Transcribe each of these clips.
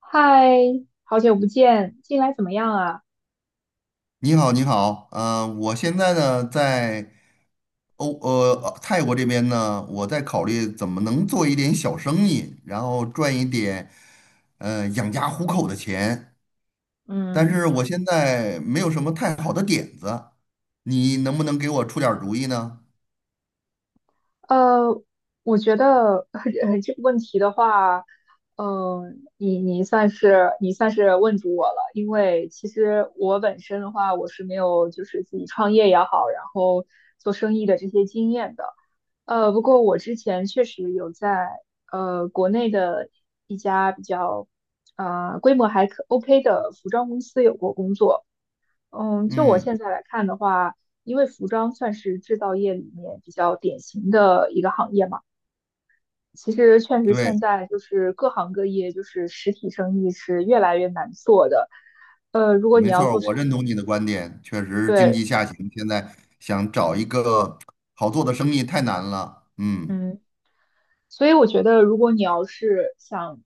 嗨，好久不见，近来怎么样啊？你好，你好，我现在呢在泰国这边呢，我在考虑怎么能做一点小生意，然后赚一点养家糊口的钱，但嗯，是我现在没有什么太好的点子，你能不能给我出点儿主意呢？呃，我觉得 这个问题的话，呃，你算是问住我了，因为其实我本身的话，我是没有就是自己创业也好，然后做生意的这些经验的。不过我之前确实有在国内的一家比较规模还可 OK 的服装公司有过工作。嗯，就我嗯。现在来看的话，因为服装算是制造业里面比较典型的一个行业嘛，其实确实现对，在就是各行各业，就是实体生意是越来越难做的。如果你没要错儿，做我生认意，同你的观点，确实经对，济下行，现在想找一个好做的生意太难了。嗯嗯。所以我觉得，如果你要是想，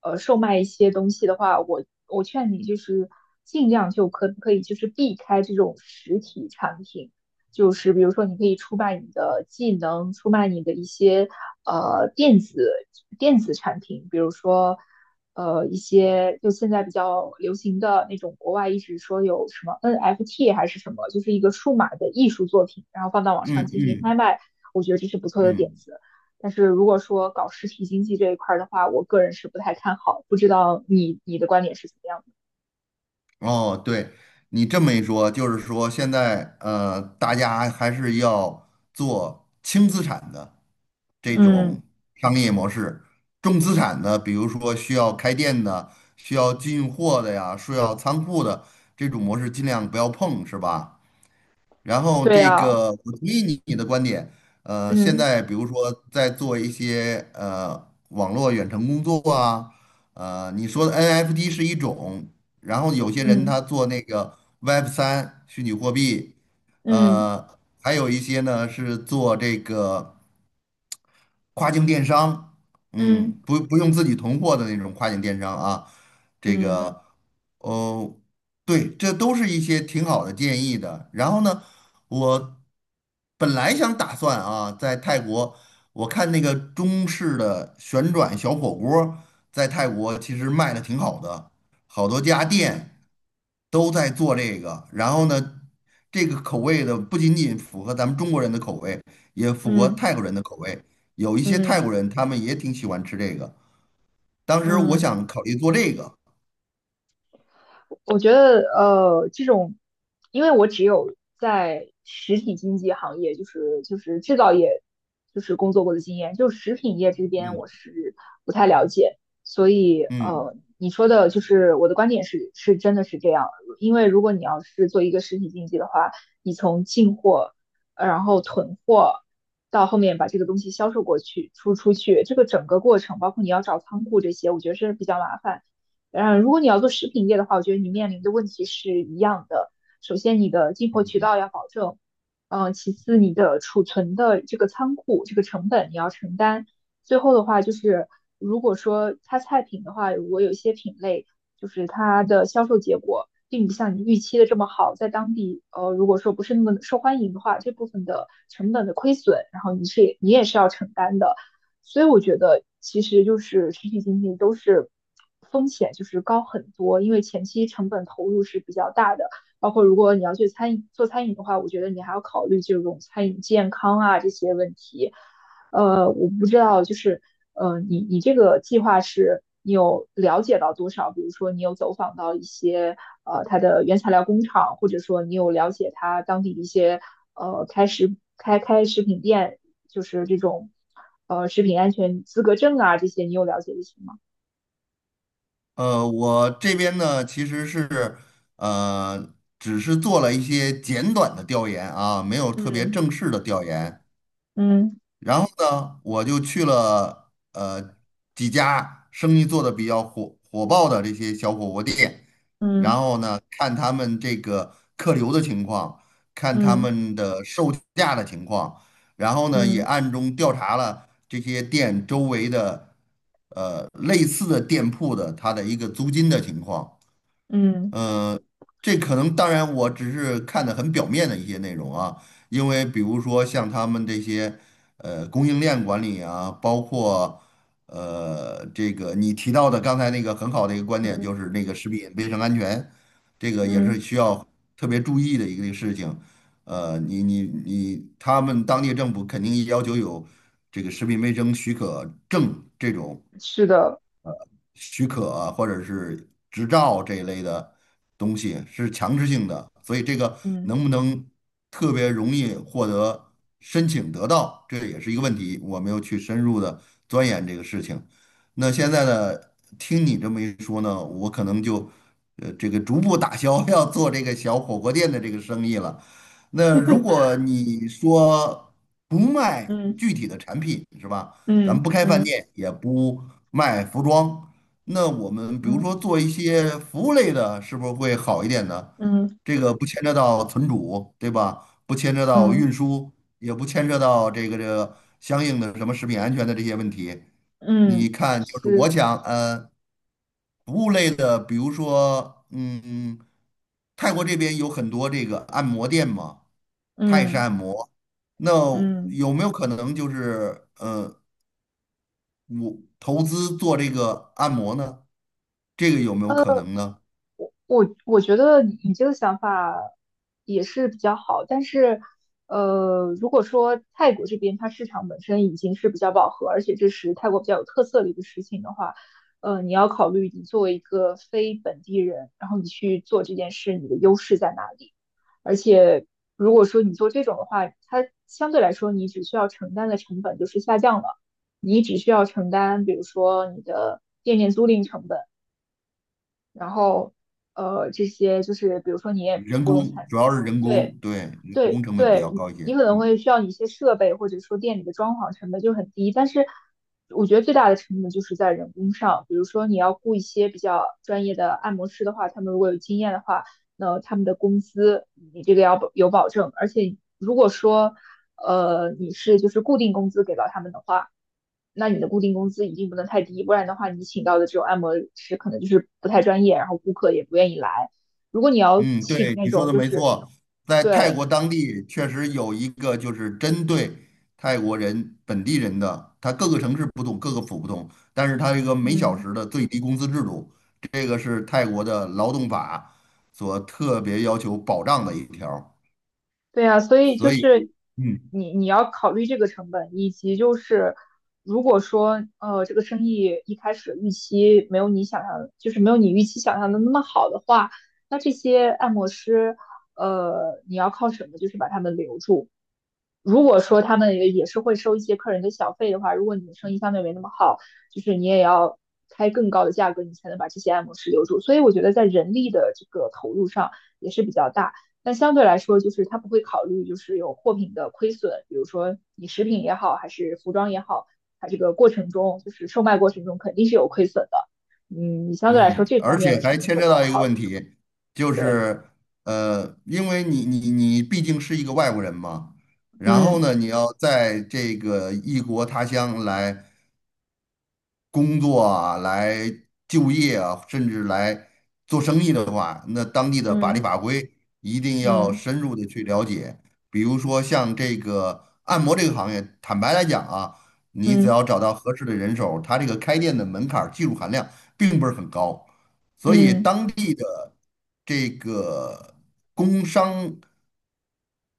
售卖一些东西的话，我劝你就是尽量就可不可以就是避开这种实体产品，就是比如说你可以出卖你的技能，出卖你的一些呃电子电子产品，比如说一些就现在比较流行的那种国外一直说有什么 NFT 还是什么，就是一个数码的艺术作品，然后放到网上嗯进行拍嗯卖，我觉得这是不错的点嗯。子。但是如果说搞实体经济这一块儿的话，我个人是不太看好，不知道你的观点是怎么样的？哦，对，你这么一说，就是说现在大家还是要做轻资产的这嗯，种商业模式，重资产的，比如说需要开店的、需要进货的呀、需要仓库的这种模式，尽量不要碰，是吧？然后对这呀，个，我同意你的观点。现嗯在比如说在做一些网络远程工作啊，你说的 NFT 是一种，然后有些人他嗯做那个 Web3虚拟货币，嗯呃，还有一些呢是做这个。跨境电商，嗯嗯，不用自己囤货的那种跨境电商啊，这嗯个，哦，对，这都是一些挺好的建议的。然后呢，我本来想打算啊，在泰国，我看那个中式的旋转小火锅儿在泰国其实卖的挺好的，好多家嗯嗯店都在做这个。然后呢，这个口味的不仅仅符合咱们中国人的口味，也符合嗯嗯。泰国人的口味。有一些嗯泰国嗯人，他们也挺喜欢吃这个。当时我嗯想考虑做这个，我觉得这种，因为我只有在实体经济行业，就是制造业，就是工作过的经验，就食品业这边嗯我是不太了解，所以嗯，你说的就是我的观点是真的是这样，因为如果你要是做一个实体经济的话，你从进货，然后囤货。到后面把这个东西销售过去、出去，这个整个过程，包括你要找仓库这些，我觉得是比较麻烦。嗯，如果你要做食品业的话，我觉得你面临的问题是一样的。首先，你的进货渠道要保证，嗯，其次，你的储存的这个仓库这个成本你要承担。最后的话就是，如果说它菜品的话，如果有一些品类就是它的销售结果并不像你预期的这么好，在当地如果说不是那么受欢迎的话，这部分的成本的亏损，然后你也是要承担的。所以我觉得其实就是实体经济都是风险就是高很多，因为前期成本投入是比较大的，包括如果你要去餐饮做餐饮的话，我觉得你还要考虑这种餐饮健康啊这些问题，我不知道，就是你这个计划是你有了解到多少？比如说，你有走访到一些它的原材料工厂，或者说你有了解它当地的一些呃开食开开食品店，就是这种食品安全资格证啊这些，你有了解一些吗？我这边呢其实是呃，只是做了一些简短的调研啊，没有特别嗯正式的调研。嗯然后呢，我就去了几家生意做的比较火爆的这些小火锅店，然嗯后呢，看他们这个客流的情况，看他嗯们的售价的情况，然后呢，也嗯暗中调查了这些店周围的类似的店铺的它的一个租金的情况。嗯这可能当然我只是看的很表面的一些内容啊，因为比如说像他们这些供应链管理啊，包括这个你提到的刚才那个很好的一个观点，就嗯是那个食品卫生安全，这个也是嗯，需要特别注意的一个事情。呃，你你你，他们当地政府肯定要求有这个食品卫生许可证这种。是的，许可啊或者是执照这一类的东西是强制性的，所以这个嗯 能不能特别容易获得申请得到，这也是一个问题，我没有去深入的钻研这个事情。那现在呢，听你这么一说呢，我可能就这个逐步打消 要做这个小火锅店的这个生意了。那如 果你说不卖嗯具体的产品是吧？咱们嗯不开饭嗯店，也不卖服装，那我们比如说嗯做一些服务类的，是不是会好一点呢？嗯这个不牵扯到存储，对吧？不牵扯到运嗯。输，也不牵扯到这个相应的什么食品安全的这些问题。你嗯看，就是是，我想，服务类的，比如说，嗯，泰国这边有很多这个按摩店嘛，泰式嗯按摩，那嗯，有没有可能就是，我投资做这个按摩呢，这个有没有可能呢？我觉得你这个想法也是比较好，但是，如果说泰国这边它市场本身已经是比较饱和，而且这是泰国比较有特色的一个事情的话，你要考虑你作为一个非本地人，然后你去做这件事，你的优势在哪里？而且，如果说你做这种的话，它相对来说你只需要承担的成本就是下降了，你只需要承担，比如说你的店面租赁成本。然后这些就是比如说你也人不用工参，主要是人工，对，对，人对工成本比对，较高一你些。可能嗯。会需要你一些设备，或者说店里的装潢成本就很低，但是我觉得最大的成本就是在人工上，比如说你要雇一些比较专业的按摩师的话，他们如果有经验的话，那他们的工资你这个要保证，而且如果说你是就是固定工资给到他们的话，那你的固定工资一定不能太低，不然的话你请到的这种按摩师可能就是不太专业，然后顾客也不愿意来。如果你要嗯，请对，那你说种的就没是错，在泰对。国当地确实有一个就是针对泰国人本地人的，他各个城市不同，各个府不同，但是他这个每小嗯，时的最低工资制度，这个是泰国的劳动法所特别要求保障的一条儿对呀，所以就所以。是嗯。你要考虑这个成本，以及就是如果说这个生意一开始预期没有你想象就是没有你预期想象的那么好的话，那这些按摩师你要靠什么就是把他们留住？如果说他们也是会收一些客人的小费的话，如果你的生意相对没那么好，就是你也要开更高的价格，你才能把这些按摩师留住。所以我觉得在人力的这个投入上也是比较大，但相对来说，就是他不会考虑就是有货品的亏损，比如说你食品也好，还是服装也好，它这个过程中就是售卖过程中肯定是有亏损的。嗯，你相对来说嗯，这方而面且的还成本牵就扯不用到一个考问虑。题，就对，是因为你毕竟是一个外国人嘛，然后呢，你要在这个异国他乡来工作啊，来就业啊，甚至来做生意的话，那当地的法律嗯法规一定要嗯深入的去了解。比如说像这个按摩这个行业，坦白来讲啊，你只嗯要找到合适的人手，它这个开店的门槛儿技术含量并不是很高，所以嗯当地的这个工商。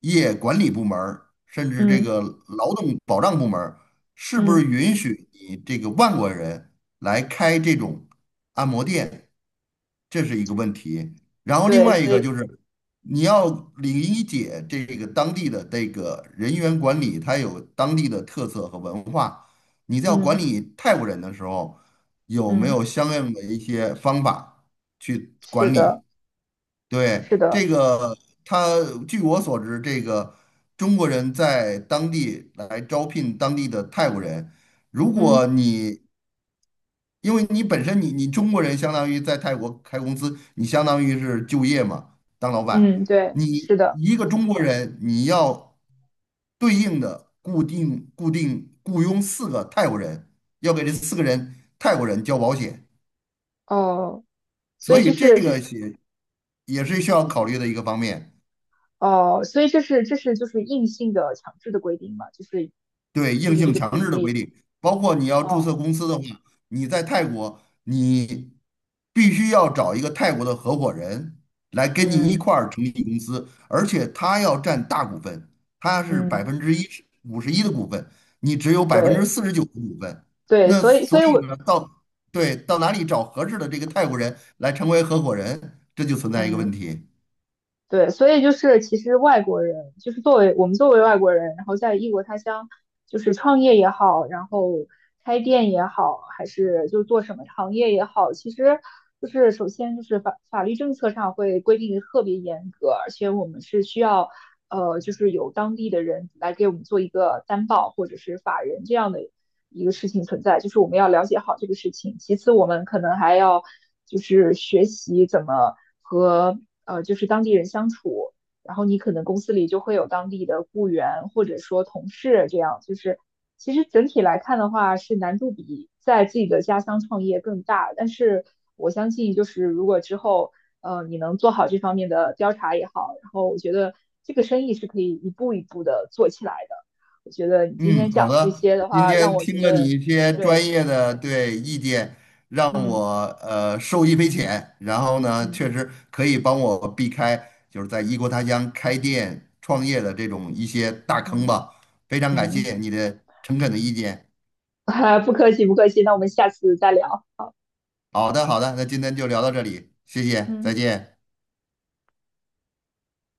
业管理部门儿甚至嗯嗯。这嗯个劳动保障部门儿是不是嗯允许你这个外国人来开这种按摩店？这是一个问题。然后另对，外一所个以就是，你要理解这个当地的这个人员管理，它有当地的特色和文化。你在管嗯理泰国人的时候，有没有嗯，相应的一些方法去是管的，理？对，是的，这个，他据我所知，这个中国人在当地来招聘当地的泰国人。如果嗯你，因为你本身你中国人相当于在泰国开公司，你相当于是就业嘛，当老板。嗯，对，你是的，一个中国人，你要对应的固定雇佣四个泰国人，要给这四个人泰国人交保险，哦，所所以以这这是这个是也是需要这考是虑的一个方面。哦，所以这是就是硬性的强制的规定嘛，就是对，就硬是这性个强比制的规例，定，包括你要注册哦，公司的话，你在泰国，你必须要找一个泰国的合伙人来跟你一嗯块儿成立公司，而且他要占大股份，他是百嗯，分之一五十一的股份，你只有百分之对四十九的股份，对，那所以所所以以我呢，到哪里找合适的这个泰国人来成为合伙人，这就存在一个问嗯。题。对，所以就是其实外国人，就是作为外国人，然后在异国他乡，就是创业也好，然后开店也好，还是就做什么行业也好，其实就是首先就是法律政策上会规定的特别严格，而且我们是需要就是有当地的人来给我们做一个担保或者是法人这样的一个事情存在，就是我们要了解好这个事情。其次，我们可能还要就是学习怎么和就是当地人相处，然后你可能公司里就会有当地的雇员或者说同事这样，就是其实整体来看的话是难度比在自己的家乡创业更大，但是我相信就是如果之后。你能做好这方面的调查也好，然后我觉得这个生意是可以一步一步的做起来的。我觉得你今天嗯，好讲的这的。些的今话，让天我觉听了你得，一些专对，业的对意见，让嗯我受益匪浅。然后呢，嗯确实可以帮我避开就是在异国他乡开店创业的这种一些大坑嗯吧。非常感嗯谢你的诚恳的意见。哈，不客气不客气，那我们下次再聊。好，好的，好的，那今天就聊到这里，谢谢，再嗯。见。